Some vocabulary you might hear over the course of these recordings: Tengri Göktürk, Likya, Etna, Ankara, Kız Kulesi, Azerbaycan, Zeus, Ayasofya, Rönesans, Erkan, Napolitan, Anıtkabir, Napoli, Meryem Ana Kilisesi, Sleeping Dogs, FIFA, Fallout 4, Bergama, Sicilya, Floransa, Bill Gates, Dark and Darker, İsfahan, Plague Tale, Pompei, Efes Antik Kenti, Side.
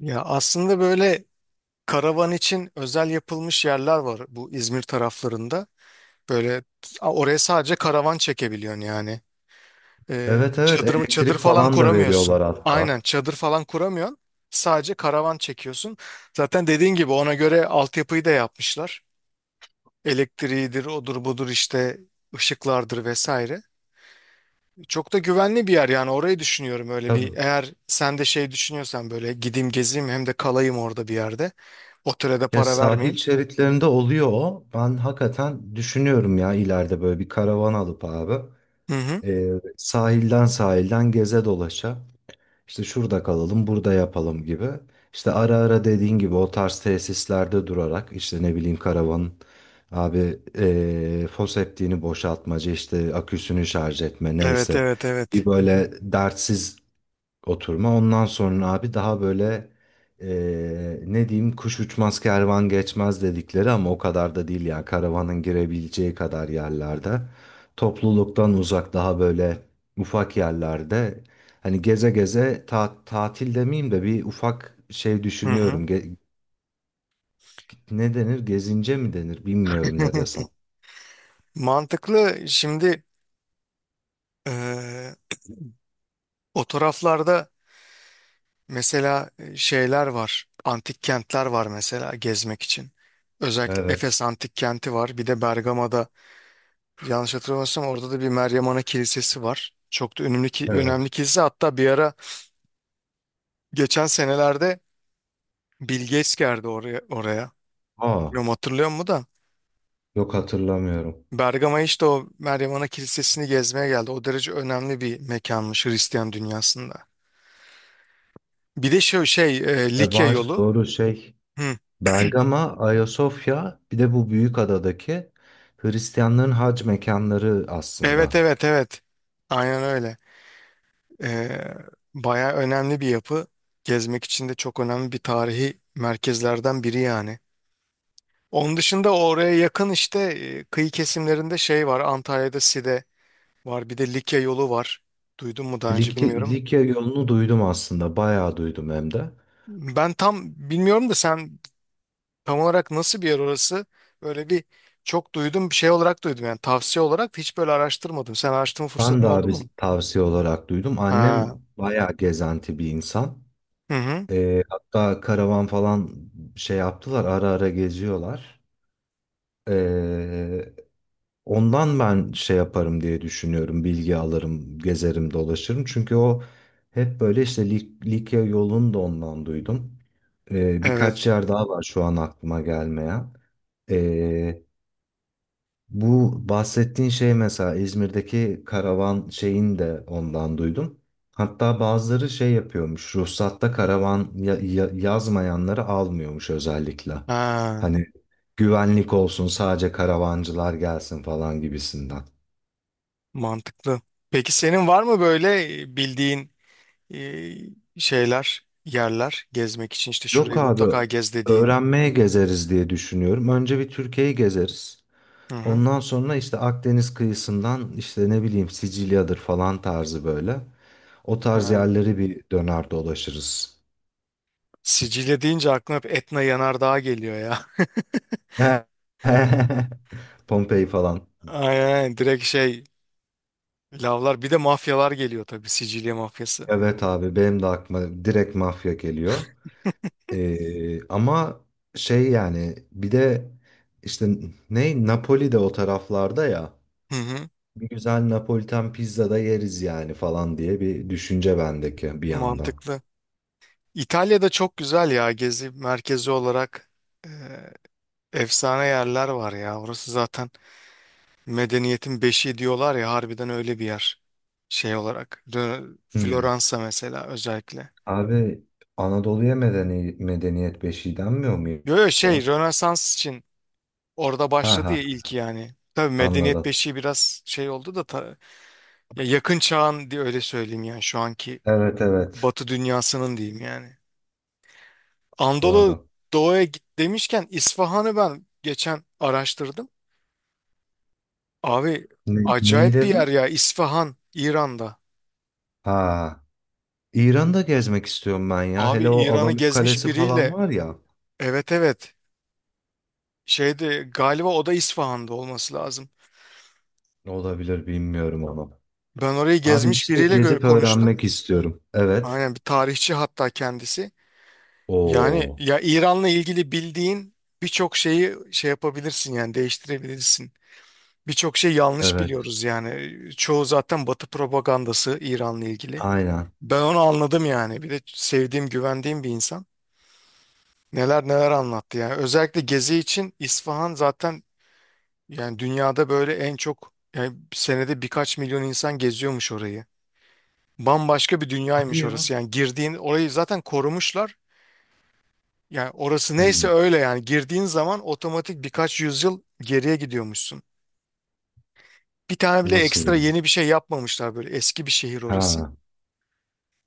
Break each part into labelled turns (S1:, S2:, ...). S1: Ya aslında böyle karavan için özel yapılmış yerler var bu İzmir taraflarında. Böyle oraya sadece karavan çekebiliyorsun yani.
S2: Evet, evet,
S1: Çadır
S2: elektrik
S1: falan
S2: falan da
S1: kuramıyorsun.
S2: veriyorlar hatta.
S1: Aynen çadır falan kuramıyorsun. Sadece karavan çekiyorsun. Zaten dediğin gibi ona göre altyapıyı da yapmışlar. Elektriğidir, odur budur işte ışıklardır vesaire. Çok da güvenli bir yer yani orayı düşünüyorum, öyle bir,
S2: Tabii.
S1: eğer sen de şey düşünüyorsan böyle gideyim gezeyim hem de kalayım orada bir yerde. Otele de
S2: Ya,
S1: para
S2: sahil
S1: vermeyeyim.
S2: şeritlerinde oluyor o. Ben hakikaten düşünüyorum ya, ileride böyle bir karavan alıp abi,
S1: Hı hı.
S2: e, sahilden sahilden geze dolaşa işte şurada kalalım, burada yapalım gibi. İşte ara ara dediğin gibi o tarz tesislerde durarak işte ne bileyim karavanın abi, foseptiğini boşaltmacı, işte aküsünü şarj etme
S1: Evet,
S2: neyse,
S1: evet,
S2: bir
S1: evet.
S2: böyle dertsiz oturma. Ondan sonra abi daha böyle, ne diyeyim kuş uçmaz kervan geçmez dedikleri ama o kadar da değil ya. Karavanın girebileceği kadar yerlerde. Topluluktan uzak, daha böyle ufak yerlerde. Hani geze geze tatil demeyeyim de bir ufak şey
S1: Hı hı.
S2: düşünüyorum. Ne denir? Gezince mi denir? Bilmiyorum ne desem.
S1: Mantıklı. Şimdi eee o taraflarda mesela şeyler var. Antik kentler var mesela gezmek için. Özellikle
S2: Evet.
S1: Efes Antik Kenti var. Bir de Bergama'da yanlış hatırlamıyorsam orada da bir Meryem Ana Kilisesi var. Çok da önemli ki önemli
S2: Evet.
S1: kilise. Hatta bir ara geçen senelerde Bill Gates geldi oraya.
S2: Aa,
S1: Bilmiyorum hatırlıyor musun da.
S2: yok, hatırlamıyorum.
S1: Bergama işte o Meryem Ana Kilisesi'ni gezmeye geldi. O derece önemli bir mekanmış Hristiyan dünyasında. Bir de şu şey
S2: E
S1: Likya
S2: var,
S1: yolu.
S2: doğru şey,
S1: Hı.
S2: Bergama, Ayasofya, bir de bu büyük adadaki Hristiyanların hac mekanları aslında.
S1: Evet, evet, evet. Aynen öyle. E, Baya önemli bir yapı. Gezmek için de çok önemli bir tarihi merkezlerden biri yani. Onun dışında oraya yakın işte kıyı kesimlerinde şey var. Antalya'da Side var. Bir de Likya yolu var. Duydun mu daha önce
S2: Likya,
S1: bilmiyorum.
S2: Likya yolunu duydum aslında, bayağı duydum hem de.
S1: Ben tam bilmiyorum da sen tam olarak nasıl bir yer orası? Böyle bir çok duydum, bir şey olarak duydum yani tavsiye olarak, da hiç böyle araştırmadım. Sen araştırma
S2: Ben
S1: fırsatın
S2: de
S1: oldu
S2: abi
S1: mu?
S2: tavsiye olarak duydum.
S1: Ha.
S2: Annem bayağı gezenti bir insan.
S1: Hı hı.
S2: Hatta karavan falan şey yaptılar, ara ara geziyorlar. Ee, Ondan ben şey yaparım diye düşünüyorum. Bilgi alırım, gezerim, dolaşırım. Çünkü o hep böyle işte Likya yolunu da ondan duydum. Birkaç
S1: Evet.
S2: yer daha var şu an aklıma gelmeyen. Ee, Bu bahsettiğin şey, mesela İzmir'deki karavan şeyini de ondan duydum. Hatta bazıları şey yapıyormuş. Ruhsatta karavan yazmayanları almıyormuş özellikle.
S1: Ha.
S2: Hani güvenlik olsun, sadece karavancılar gelsin falan gibisinden.
S1: Mantıklı. Peki senin var mı böyle bildiğin e, şeyler, yerler gezmek için işte
S2: Yok
S1: şurayı mutlaka
S2: abi,
S1: gez dediğin?
S2: öğrenmeye gezeriz diye düşünüyorum. Önce bir Türkiye'yi gezeriz.
S1: Hı hı.
S2: Ondan sonra işte Akdeniz kıyısından, işte ne bileyim, Sicilya'dır falan tarzı böyle. O tarz
S1: Ha.
S2: yerleri bir döner dolaşırız.
S1: Sicilya deyince aklıma hep Etna Yanardağ geliyor ya.
S2: Pompei falan.
S1: Aynen, aynen, direkt şey, lavlar bir de mafyalar geliyor tabii, Sicilya mafyası.
S2: Evet abi, benim de aklıma direkt mafya geliyor. Ama şey yani, bir de işte ne, Napoli de o taraflarda ya.
S1: Hı hı.
S2: Bir güzel Napolitan pizza da yeriz yani falan diye bir düşünce bendeki bir yandan.
S1: Mantıklı. İtalya'da çok güzel ya, gezi merkezi olarak e, efsane yerler var ya. Orası zaten medeniyetin beşiği diyorlar ya, harbiden öyle bir yer şey olarak.
S2: Hmm.
S1: Floransa mesela özellikle.
S2: Abi, Anadolu'ya medeniyet beşiği denmiyor mu
S1: Yo yo şey,
S2: ya?
S1: Rönesans için orada
S2: Ha
S1: başladı
S2: ha,
S1: ya ilk, yani. Tabii medeniyet
S2: anladım.
S1: beşiği biraz şey oldu da ya, yakın çağın diye öyle söyleyeyim yani, şu anki
S2: Evet, evet,
S1: Batı dünyasının diyeyim yani. Anadolu
S2: doğru.
S1: Doğu'ya git demişken İsfahan'ı ben geçen araştırdım. Abi
S2: Ne, neyi
S1: acayip bir yer
S2: dedim?
S1: ya, İsfahan İran'da.
S2: Ha, İran'da gezmek istiyorum ben ya.
S1: Abi
S2: Hele o
S1: İran'ı
S2: Alamut
S1: gezmiş
S2: Kalesi falan
S1: biriyle,
S2: var ya.
S1: evet evet, şeyde galiba o da İsfahan'da olması lazım.
S2: Olabilir, bilmiyorum onu.
S1: Ben orayı
S2: Abi
S1: gezmiş
S2: işte
S1: biriyle
S2: gezip
S1: konuştum.
S2: öğrenmek istiyorum. Evet.
S1: Aynen, bir tarihçi hatta kendisi. Yani
S2: Oo.
S1: ya, İran'la ilgili bildiğin birçok şeyi şey yapabilirsin yani, değiştirebilirsin. Birçok şey yanlış
S2: Evet.
S1: biliyoruz yani. Çoğu zaten Batı propagandası İran'la ilgili.
S2: Aynen.
S1: Ben onu anladım yani. Bir de sevdiğim, güvendiğim bir insan. Neler neler anlattı yani. Özellikle gezi için İsfahan zaten, yani dünyada böyle en çok, yani senede birkaç milyon insan geziyormuş orayı. Bambaşka bir
S2: Hadi
S1: dünyaymış
S2: ya.
S1: orası. Yani girdiğin, orayı zaten korumuşlar. Yani orası neyse
S2: Hmm.
S1: öyle, yani girdiğin zaman otomatik birkaç yüzyıl geriye gidiyormuşsun. Bir tane bile
S2: Nasıl?
S1: ekstra yeni bir şey yapmamışlar, böyle eski bir şehir orası.
S2: Ha,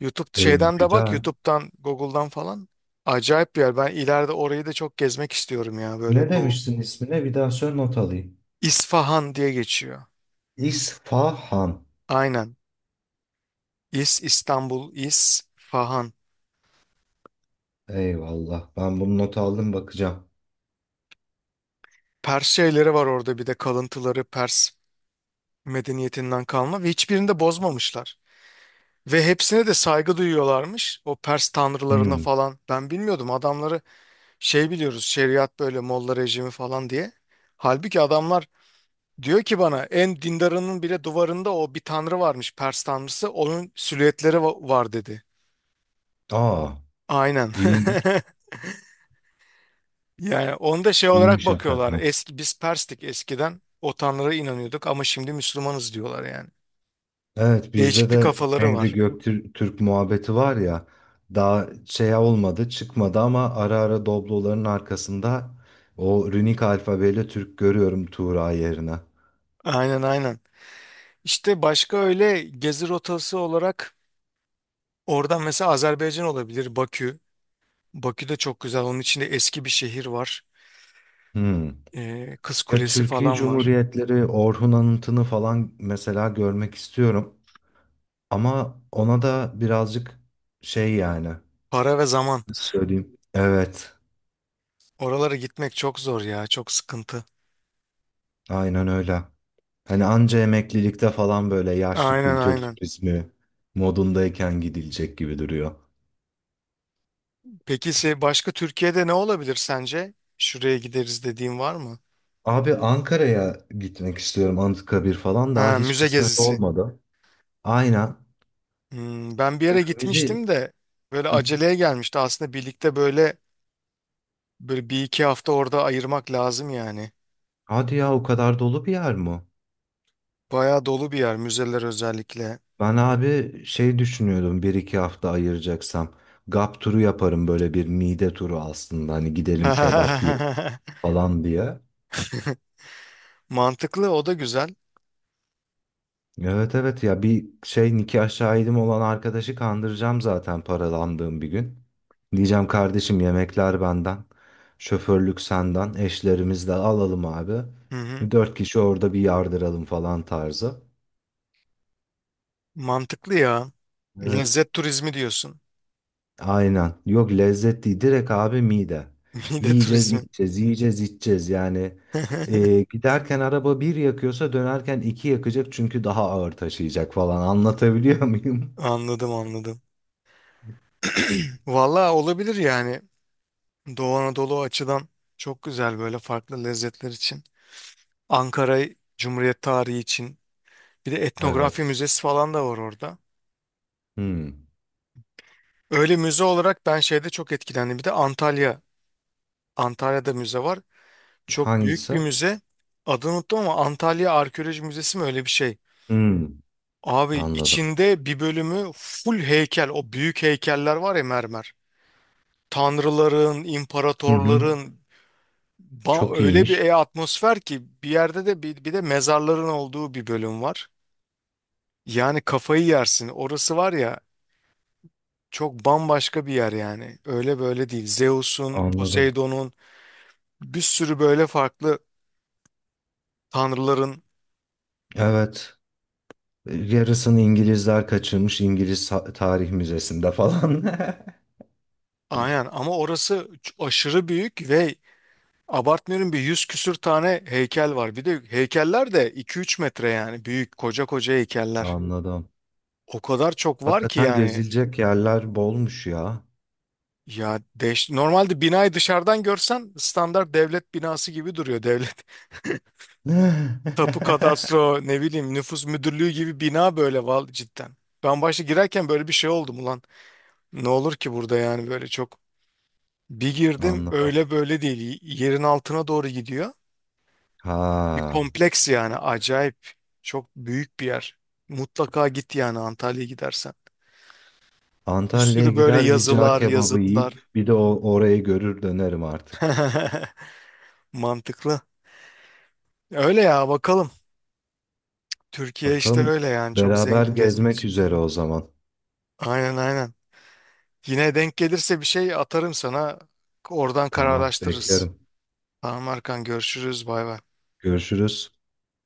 S1: YouTube
S2: e,
S1: şeyden de bak,
S2: güzel.
S1: YouTube'dan Google'dan falan, acayip bir yer. Ben ileride orayı da çok gezmek istiyorum ya,
S2: Ne
S1: böyle Doğu.
S2: demiştin ismine? Bir daha söyle, not alayım.
S1: İsfahan diye geçiyor.
S2: İsfahan.
S1: Aynen. İz, İstanbul, İz, Fahan.
S2: Eyvallah. Ben bunu not aldım, bakacağım.
S1: Pers şeyleri var orada, bir de kalıntıları, Pers medeniyetinden kalma ve hiçbirini de bozmamışlar. Ve hepsine de saygı duyuyorlarmış. O Pers tanrılarına
S2: Hmm.
S1: falan. Ben bilmiyordum, adamları şey biliyoruz, şeriat böyle Molla rejimi falan diye. Halbuki adamlar diyor ki bana, en dindarının bile duvarında o bir tanrı varmış, Pers tanrısı. Onun silüetleri var dedi.
S2: Aa,
S1: Aynen.
S2: iyiymiş,
S1: Yani onda şey olarak
S2: iyiymiş
S1: bakıyorlar.
S2: hakikaten.
S1: Eski biz Perstik, eskiden o tanrılara inanıyorduk ama şimdi Müslümanız diyorlar yani.
S2: Evet, bizde
S1: Değişik bir
S2: de
S1: kafaları
S2: Tengri
S1: var.
S2: Göktürk muhabbeti var ya. Daha şey olmadı, çıkmadı ama ara ara Doblo'ların arkasında o runik alfabeyle Türk görüyorum, Tuğra yerine.
S1: Aynen, aynen. İşte başka öyle gezi rotası olarak oradan mesela Azerbaycan olabilir, Bakü. Bakü de çok güzel. Onun içinde eski bir şehir var.
S2: Hmm.
S1: Kız
S2: Ya
S1: Kulesi
S2: Türkiye
S1: falan var.
S2: Cumhuriyetleri, Orhun Anıtı'nı falan mesela görmek istiyorum. Ama ona da birazcık şey yani,
S1: Para ve zaman.
S2: nasıl söyleyeyim. Evet,
S1: Oralara gitmek çok zor ya. Çok sıkıntı.
S2: aynen öyle. Hani anca emeklilikte falan, böyle yaşlı
S1: Aynen,
S2: kültür
S1: aynen.
S2: turizmi modundayken gidilecek gibi duruyor.
S1: Peki başka Türkiye'de ne olabilir sence? Şuraya gideriz dediğin var mı?
S2: Abi Ankara'ya gitmek istiyorum. Anıtkabir falan daha
S1: Ha,
S2: hiç
S1: müze
S2: kısmet
S1: gezisi.
S2: olmadı. Aynen.
S1: Hmm, ben bir
S2: Ya
S1: yere
S2: müze...
S1: gitmiştim de böyle
S2: Hı.
S1: aceleye gelmişti. Aslında birlikte böyle bir iki hafta orada ayırmak lazım yani.
S2: Hadi ya, o kadar dolu bir yer mi?
S1: Bayağı dolu bir yer, müzeler özellikle.
S2: Ben abi şey düşünüyordum, bir iki hafta ayıracaksam. Gap turu yaparım, böyle bir mide turu aslında. Hani gidelim kebap yiyelim falan diye.
S1: Mantıklı, o da güzel.
S2: Evet, evet ya, bir şey, nikah şahidim olan arkadaşı kandıracağım zaten paralandığım bir gün. Diyeceğim kardeşim, yemekler benden, şoförlük senden, eşlerimiz de alalım abi.
S1: Hı hı.
S2: Dört kişi orada bir yardıralım falan tarzı.
S1: Mantıklı ya.
S2: Evet
S1: Lezzet turizmi diyorsun.
S2: aynen, yok lezzet değil, direkt abi mide.
S1: Mide
S2: Yiyeceğiz
S1: turizmi.
S2: içeceğiz, yiyeceğiz içeceğiz yani. Giderken araba bir yakıyorsa dönerken iki yakacak, çünkü daha ağır taşıyacak falan, anlatabiliyor muyum?
S1: Anladım, anladım. Vallahi olabilir yani. Doğu Anadolu açıdan çok güzel, böyle farklı lezzetler için. Ankara Cumhuriyet tarihi için. Bir de etnografi
S2: Evet.
S1: müzesi falan da var orada.
S2: Hmm.
S1: Öyle müze olarak ben şeyde çok etkilendim. Bir de Antalya. Antalya'da müze var. Çok büyük
S2: Hangisi?
S1: bir müze. Adını unuttum ama Antalya Arkeoloji Müzesi mi, öyle bir şey.
S2: Hmm.
S1: Abi
S2: Anladım.
S1: içinde bir bölümü full heykel. O büyük heykeller var ya, mermer. Tanrıların,
S2: Hı hı.
S1: imparatorların,
S2: Çok
S1: öyle bir
S2: iyiymiş.
S1: atmosfer ki, bir yerde de bir de mezarların olduğu bir bölüm var. Yani kafayı yersin. Orası var ya, çok bambaşka bir yer yani. Öyle böyle değil. Zeus'un,
S2: Anladım.
S1: Poseidon'un, bir sürü böyle farklı tanrıların,
S2: Evet. Yarısını İngilizler kaçırmış, İngiliz Tarih Müzesi'nde falan.
S1: aynen, ama orası aşırı büyük ve abartmıyorum, bir 100 küsür tane heykel var. Bir de heykeller de 2-3 metre yani, büyük koca koca heykeller.
S2: Anladım.
S1: O kadar çok var ki
S2: Hakikaten
S1: yani.
S2: gezilecek yerler bolmuş ya.
S1: Ya normalde binayı dışarıdan görsen standart devlet binası gibi duruyor, devlet. Tapu kadastro, ne bileyim nüfus müdürlüğü gibi bina böyle, val cidden. Ben başta girerken böyle bir şey oldum, ulan ne olur ki burada yani, böyle çok. Bir girdim
S2: Anladım.
S1: öyle böyle değil. Yerin altına doğru gidiyor. Bir
S2: Ha.
S1: kompleks yani, acayip. Çok büyük bir yer. Mutlaka git yani Antalya'ya gidersen. Bir
S2: Antalya'ya
S1: sürü böyle
S2: gider bir cağ
S1: yazılar,
S2: kebabı
S1: yazıtlar.
S2: yiyip bir de o orayı görür dönerim artık.
S1: Mantıklı. Öyle ya, bakalım. Türkiye işte
S2: Bakalım,
S1: öyle yani, çok
S2: beraber
S1: zengin gezmek
S2: gezmek
S1: için.
S2: üzere o zaman.
S1: Aynen, aynen. Yine denk gelirse bir şey atarım sana. Oradan
S2: Tamam,
S1: kararlaştırırız.
S2: beklerim.
S1: Tamam Erkan, görüşürüz. Bay bay.
S2: Görüşürüz.